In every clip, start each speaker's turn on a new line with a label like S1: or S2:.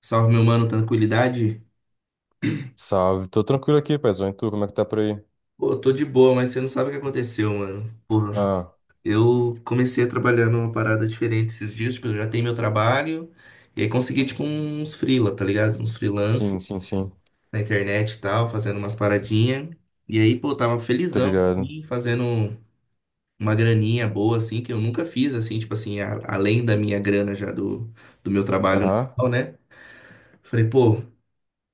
S1: Salve, meu mano, tranquilidade?
S2: Salve, tô tranquilo aqui, paizão. E tu, como é que tá por aí?
S1: Pô, eu tô de boa, mas você não sabe o que aconteceu, mano. Porra,
S2: Ah,
S1: eu comecei a trabalhar numa parada diferente esses dias, tipo, eu já tenho meu trabalho, e aí consegui, tipo, uns freela, tá ligado? Uns freelance
S2: sim, sim, sim.
S1: na internet e tal, fazendo umas paradinhas. E aí, pô, tava
S2: Tô
S1: felizão,
S2: ligado.
S1: assim, fazendo uma graninha boa, assim, que eu nunca fiz, assim, tipo assim, além da minha grana já do meu trabalho,
S2: Aham,
S1: normal, né? Falei, pô,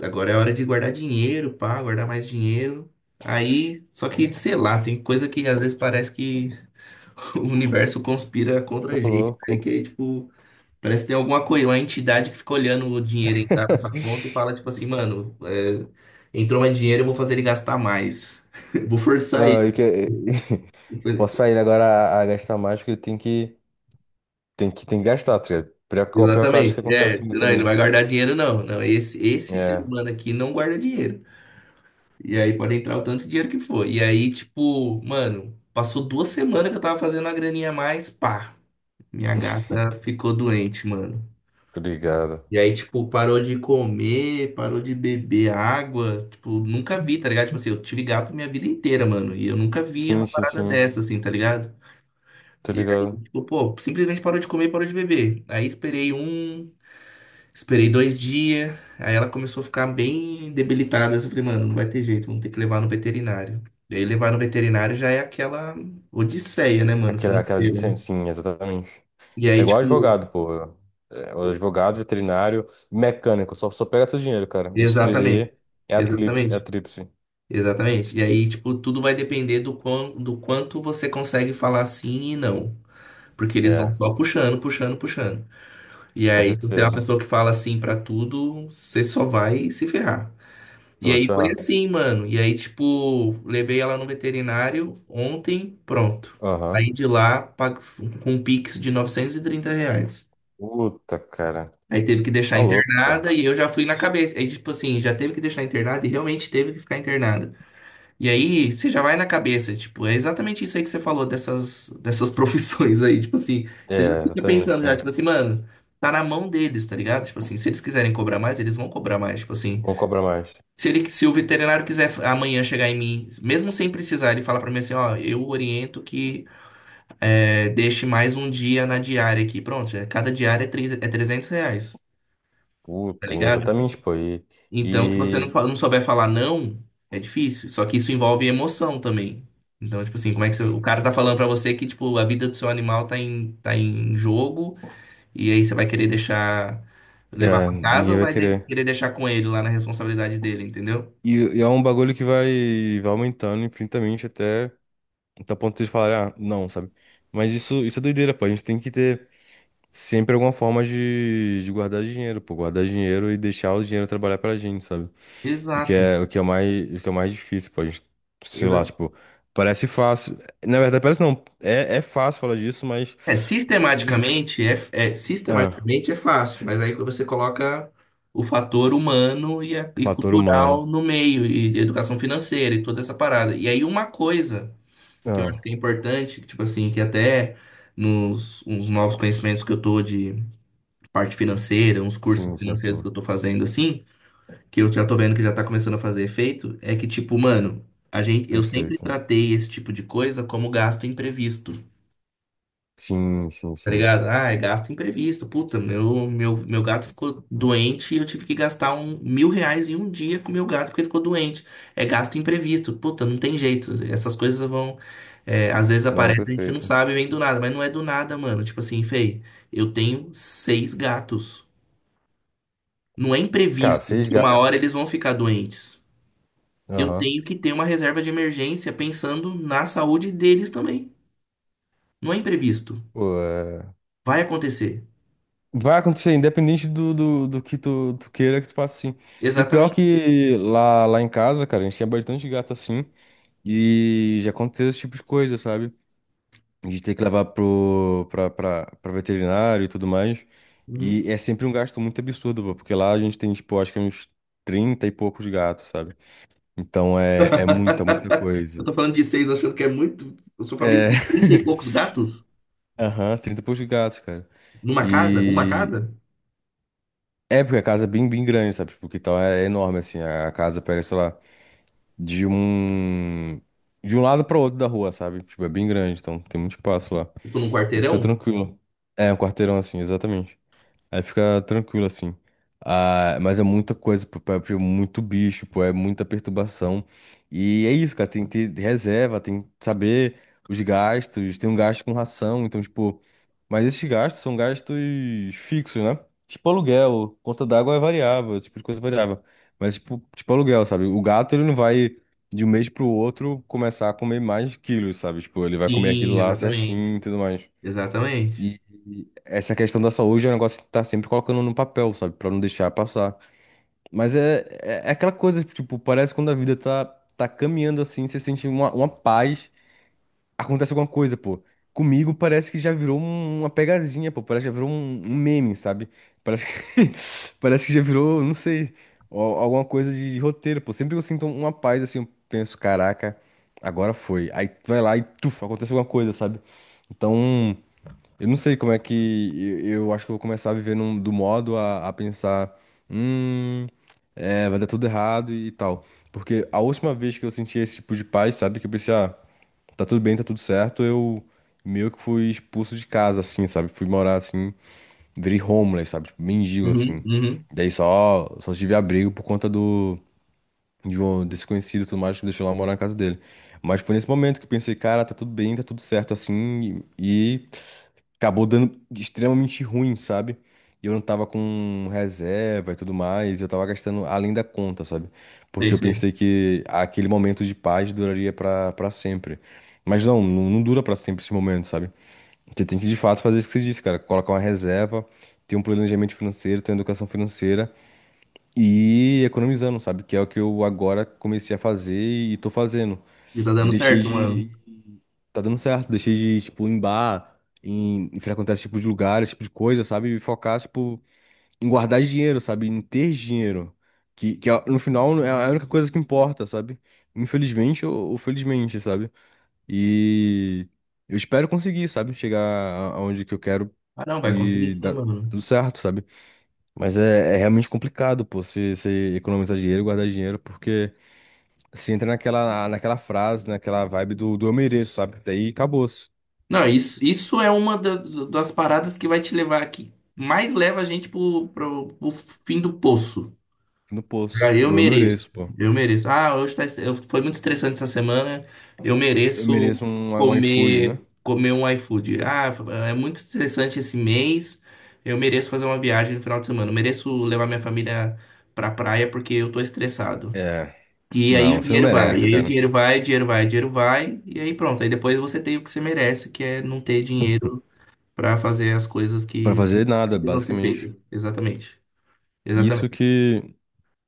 S1: agora é hora de guardar dinheiro, pá, guardar mais dinheiro. Aí, só que, sei lá, tem coisa que às vezes parece que o universo conspira contra a
S2: tô
S1: gente. É
S2: louco.
S1: que, tipo, parece que tem alguma coisa, uma entidade que fica olhando o dinheiro entrar na nossa conta e fala, tipo assim, mano, é, entrou mais dinheiro, eu vou fazer ele gastar mais. Eu vou forçar ele.
S2: Ah, e que... vou sair agora a gastar mais, porque tem que, tem que gastar, tá ligado? Pior que, pior que eu acho que
S1: Exatamente. É,
S2: acontece muito
S1: não, ele não
S2: também.
S1: vai guardar dinheiro, não. Não, esse ser
S2: É,
S1: humano aqui não guarda dinheiro. E aí pode entrar o tanto de dinheiro que for. E aí, tipo, mano, passou 2 semanas que eu tava fazendo uma graninha a mais, pá, minha gata ficou doente, mano.
S2: tô ligado.
S1: E aí, tipo, parou de comer, parou de beber água. Tipo, nunca vi, tá ligado? Tipo assim, eu tive gato minha vida inteira, mano. E eu nunca vi uma
S2: Sim, sim,
S1: parada
S2: sim,
S1: dessa, assim, tá ligado?
S2: tô
S1: E aí,
S2: ligado.
S1: tipo, pô, simplesmente parou de comer, parou de beber. Aí esperei 2 dias, aí ela começou a ficar bem debilitada. Eu falei, mano, não vai ter jeito, vamos ter que levar no veterinário. E aí levar no veterinário já é aquela odisseia, né, mano,
S2: Aquela
S1: financeira, né?
S2: licença, sim, exatamente.
S1: E
S2: É
S1: aí,
S2: igual
S1: tipo,
S2: advogado, pô. É, o advogado, veterinário, mecânico, só, só pega teu dinheiro, cara. Esses três
S1: exatamente,
S2: aí é a tríplice, é a
S1: exatamente,
S2: tríplice.
S1: exatamente. E aí, tipo, tudo vai depender do quão, do quanto você consegue falar sim e não. Porque eles vão
S2: É,
S1: só puxando, puxando, puxando. E
S2: com
S1: aí, se você é uma
S2: certeza.
S1: pessoa que fala sim pra tudo, você só vai se ferrar.
S2: Você
S1: E
S2: vai se
S1: aí foi
S2: ferrar.
S1: assim, mano. E aí, tipo, levei ela no veterinário ontem, pronto.
S2: Aham.
S1: Aí de lá, com um Pix de R$ 930.
S2: Puta, cara.
S1: Aí teve que deixar
S2: Tá louco, cara.
S1: internada e eu já fui na cabeça. Aí, tipo assim, já teve que deixar internada e realmente teve que ficar internada. E aí, você já vai na cabeça, tipo, é exatamente isso aí que você falou dessas, dessas profissões aí. Tipo assim, você já
S2: É,
S1: fica
S2: exatamente,
S1: pensando já,
S2: cara.
S1: tipo assim, mano, tá na mão deles, tá ligado? Tipo assim, se eles quiserem cobrar mais, eles vão cobrar mais. Tipo assim.
S2: Vão cobrar mais.
S1: Se ele, se o veterinário quiser amanhã chegar em mim, mesmo sem precisar, ele fala pra mim assim, ó, eu oriento que é, deixe mais um dia na diária aqui. Pronto, é, cada diária é, é R$ 300, tá
S2: Puta,
S1: ligado?
S2: exatamente, pô. E,
S1: Então, se você
S2: e...
S1: não souber falar não, é difícil. Só que isso envolve emoção também. Então, tipo assim, como é que você, o cara tá falando pra você que, tipo, a vida do seu animal tá em jogo e aí você vai querer deixar, levar
S2: É,
S1: pra casa
S2: ninguém
S1: ou
S2: vai
S1: vai
S2: querer.
S1: querer deixar com ele lá na responsabilidade dele, entendeu?
S2: E, e é um bagulho que vai, vai aumentando infinitamente até o ponto de falar, ah, não, sabe? Mas isso é doideira, pô. A gente tem que ter sempre alguma forma de guardar dinheiro, pô. Guardar dinheiro e deixar o dinheiro trabalhar pra gente, sabe?
S1: Exato.
S2: O que é mais, o que é mais difícil, pô. A gente, sei lá, tipo, parece fácil. Na verdade, parece não. É, é fácil falar disso, mas.
S1: É,
S2: dif-
S1: sistematicamente
S2: Ah,
S1: sistematicamente é fácil, mas aí você coloca o fator humano e,
S2: o
S1: e
S2: fator humano.
S1: cultural no meio, e educação financeira e toda essa parada. E aí uma coisa que eu
S2: Ah,
S1: acho que é importante, que, tipo assim, que até nos uns novos conhecimentos que eu tô de parte financeira, uns cursos
S2: sim, sim,
S1: financeiros que eu
S2: sim.
S1: tô fazendo assim, que eu já tô vendo que já tá começando a fazer efeito, é que, tipo, mano, a gente, eu sempre
S2: Perfeito.
S1: tratei esse tipo de coisa como gasto imprevisto.
S2: Sim, sim,
S1: Tá
S2: sim.
S1: ligado? Ah, é gasto imprevisto. Puta, meu gato ficou doente e eu tive que gastar R$ 1.000 em um dia com meu gato porque ele ficou doente. É gasto imprevisto. Puta, não tem jeito. Essas coisas vão. É, às vezes
S2: Não,
S1: aparece, a gente não
S2: perfeito.
S1: sabe, vem do nada, mas não é do nada, mano. Tipo assim, Fei, eu tenho seis gatos. Não é
S2: Cara,
S1: imprevisto
S2: se
S1: que uma
S2: esga...
S1: hora eles vão ficar doentes. Eu
S2: Aham.
S1: tenho que ter uma reserva de emergência pensando na saúde deles também. Não é imprevisto.
S2: Pô, é...
S1: Vai acontecer.
S2: Vai acontecer, independente do que tu, tu queira que tu faça assim. E o pior é
S1: Exatamente.
S2: que lá, lá em casa, cara, a gente tinha bastante gato assim. E já aconteceu esse tipo de coisa, sabe? A gente tem que levar pra veterinário e tudo mais.
S1: Uhum.
S2: E é sempre um gasto muito absurdo, pô, porque lá a gente tem, tipo, acho que é uns 30 e poucos gatos, sabe? Então é, é muita, muita
S1: Eu
S2: coisa.
S1: tô falando de seis, achando que é muito. Eu sou família
S2: É.
S1: de 30 e poucos gatos
S2: Aham, 30 e poucos gatos, cara.
S1: numa casa, uma
S2: E.
S1: casa,
S2: É, porque a casa é bem, bem grande, sabe? Porque então é enorme, assim. A casa pega, sei lá, de um. De um lado para outro da rua, sabe? Tipo, é bem grande, então tem muito espaço lá.
S1: tipo num
S2: Aí fica
S1: quarteirão.
S2: tranquilo. É, um quarteirão assim, exatamente. Aí fica tranquilo, assim. Ah, mas é muita coisa, pô, pô, é muito bicho, pô, é muita perturbação. E é isso, cara, tem que ter reserva, tem que saber os gastos, tem um gasto com ração, então, tipo... Mas esses gastos são gastos fixos, né? Tipo aluguel, conta d'água é variável, esse tipo de coisa é variável. Mas, tipo, tipo aluguel, sabe? O gato, ele não vai, de um mês pro outro, começar a comer mais quilos, sabe? Tipo, ele vai comer aquilo
S1: Sim,
S2: lá
S1: exatamente.
S2: certinho e tudo mais.
S1: Exatamente.
S2: E e essa questão da saúde é um negócio que tá sempre colocando no papel, sabe? Pra não deixar passar. Mas é, é, é aquela coisa, tipo, parece que quando a vida tá, tá caminhando assim, você sente uma paz, acontece alguma coisa, pô. Comigo parece que já virou uma pegadinha, pô. Parece que já virou um, um meme, sabe? Parece que, parece que já virou, não sei, alguma coisa de roteiro, pô. Sempre que eu sinto uma paz, assim, eu penso, caraca, agora foi. Aí tu vai lá e, tuf, acontece alguma coisa, sabe? Então. Eu não sei como é que. Eu acho que eu vou começar a viver do modo a pensar. Hum. É, vai dar tudo errado e tal. Porque a última vez que eu senti esse tipo de paz, sabe? Que eu pensei, ah, tá tudo bem, tá tudo certo. Eu meio que fui expulso de casa, assim, sabe? Fui morar assim, virei homeless, sabe? Tipo, mendigo,
S1: Uhum,
S2: assim.
S1: uhum.
S2: Daí só, só tive abrigo por conta de um desconhecido e tudo mais que me deixou lá morar na casa dele. Mas foi nesse momento que eu pensei, cara, tá tudo bem, tá tudo certo assim. E, acabou dando extremamente ruim, sabe? E eu não tava com reserva e tudo mais, eu tava gastando além da conta, sabe? Porque
S1: Sei,
S2: eu
S1: sei.
S2: pensei que aquele momento de paz duraria pra sempre. Mas não, não, não dura pra sempre esse momento, sabe? Você tem que de fato fazer isso que você disse, cara. Colocar uma reserva, ter um planejamento financeiro, ter uma educação financeira e ir economizando, sabe? Que é o que eu agora comecei a fazer e tô fazendo.
S1: E tá
S2: E
S1: dando
S2: deixei
S1: certo, mano.
S2: de tá dando certo. Deixei de, tipo, em bar, em, em frequentar esse tipo de lugar, esse tipo de coisa, sabe? E focar, tipo, em guardar dinheiro, sabe? Em ter dinheiro. No final é a única coisa que importa, sabe? Infelizmente ou felizmente, sabe? E eu espero conseguir, sabe? Chegar aonde que eu quero
S1: Ah, não, vai conseguir
S2: e
S1: sim,
S2: dar
S1: mano.
S2: tudo certo, sabe? Mas é, é realmente complicado, pô, você economizar dinheiro, guardar dinheiro, porque você entra naquela, naquela frase, naquela vibe do eu mereço, sabe? Daí acabou.
S1: Não, isso é uma das paradas que vai te levar, que mais leva a gente pro, pro fim do poço.
S2: No poço.
S1: Cara, eu
S2: Ou eu
S1: mereço.
S2: mereço, pô.
S1: Eu mereço. Ah, hoje foi muito estressante essa semana. Eu
S2: Eu
S1: mereço
S2: mereço um, um iFood, né?
S1: comer um iFood. Ah, é muito estressante esse mês. Eu mereço fazer uma viagem no final de semana. Eu mereço levar minha família pra praia porque eu tô estressado.
S2: É.
S1: E aí o
S2: Não, você não
S1: dinheiro vai, e
S2: merece,
S1: aí o
S2: cara.
S1: dinheiro vai, dinheiro vai, dinheiro vai, e aí pronto. Aí depois você tem o que você merece, que é não ter dinheiro pra fazer as coisas
S2: Pra
S1: que
S2: fazer nada,
S1: não ser
S2: basicamente.
S1: feitas. Exatamente.
S2: Isso
S1: Exatamente.
S2: que.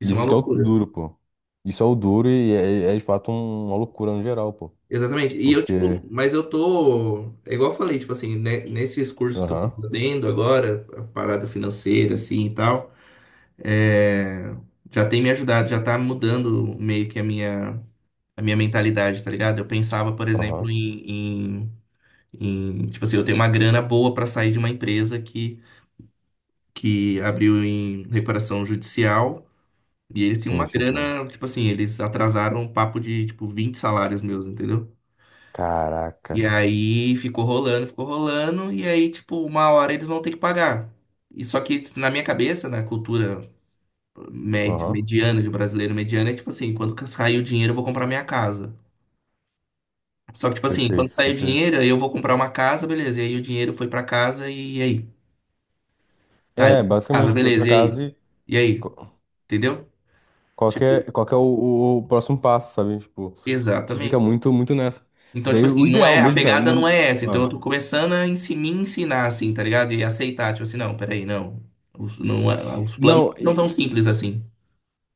S1: Isso é uma
S2: Isso que é o
S1: loucura.
S2: duro, pô. Isso é o duro e é, é de fato uma loucura no geral, pô.
S1: Exatamente. E eu, tipo,
S2: Porque.
S1: mas eu tô, é igual eu falei, tipo assim, né, nesses cursos que eu tô
S2: Aham,
S1: fazendo agora, a parada financeira, assim e tal, é, já tem me ajudado, já tá mudando meio que a minha mentalidade, tá ligado? Eu pensava, por exemplo,
S2: aham.
S1: em, em, tipo assim, eu tenho uma grana boa pra sair de uma empresa que abriu em recuperação judicial, e eles têm
S2: Sim,
S1: uma
S2: sim, sim.
S1: grana, tipo assim, eles atrasaram um papo de, tipo, 20 salários meus, entendeu? E
S2: Caraca.
S1: aí ficou rolando, e aí, tipo, uma hora eles vão ter que pagar. E só que na minha cabeça, na cultura
S2: Aham.
S1: mediana, de brasileiro mediano, é tipo assim, quando sair o dinheiro, eu vou comprar minha casa. Só que, tipo assim, quando
S2: Perfeito,
S1: sair o
S2: perfeito.
S1: dinheiro, eu vou comprar uma casa, beleza. E aí o dinheiro foi pra casa e aí? Tá, eu
S2: É,
S1: compro casa,
S2: basicamente, foi pra
S1: beleza, e aí?
S2: casa e.
S1: E aí?
S2: co-
S1: Entendeu? Tipo,
S2: Qual que é o, o próximo passo, sabe? Tipo, você fica
S1: exatamente.
S2: muito, muito nessa.
S1: Então, tipo
S2: Daí o
S1: assim, não
S2: ideal
S1: é, a
S2: mesmo, cara.
S1: pegada não
S2: Não...
S1: é essa. Então, eu tô começando a me ensinar, assim, tá ligado? E aceitar, tipo assim, não, peraí, não. Os, não, os planos
S2: Não,
S1: não tão simples assim.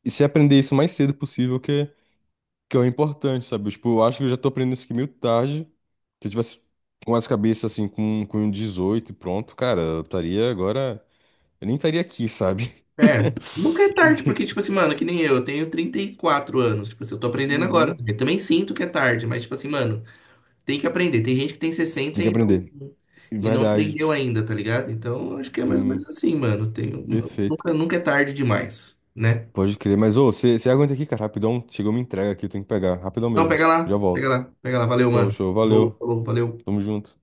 S2: e se aprender isso o mais cedo possível, que, que é o importante, sabe? Tipo, eu acho que eu já tô aprendendo isso aqui meio tarde. Se eu tivesse com as cabeças assim, com 18 e pronto, cara, eu estaria agora. Eu nem estaria aqui, sabe?
S1: É, nunca é tarde,
S2: E-
S1: porque, tipo assim, mano, que nem eu, eu tenho 34 anos, tipo assim, eu tô aprendendo agora.
S2: Uhum.
S1: Eu também sinto que é tarde, mas, tipo assim, mano, tem que aprender. Tem gente que tem 60
S2: Tem que aprender.
S1: e não
S2: Verdade.
S1: aprendeu ainda, tá ligado? Então, eu acho que é mais ou menos
S2: Sim,
S1: assim, mano. Tem,
S2: perfeito.
S1: nunca, nunca é tarde demais, né?
S2: Pode crer. Mas, ô, você aguenta aqui, cara, rapidão. Chegou uma entrega aqui, eu tenho que pegar. Rapidão
S1: Não,
S2: mesmo.
S1: pega
S2: Já
S1: lá, pega
S2: volto.
S1: lá, pega lá. Valeu,
S2: Show,
S1: mano.
S2: show.
S1: Falou,
S2: Valeu.
S1: falou, valeu.
S2: Tamo junto.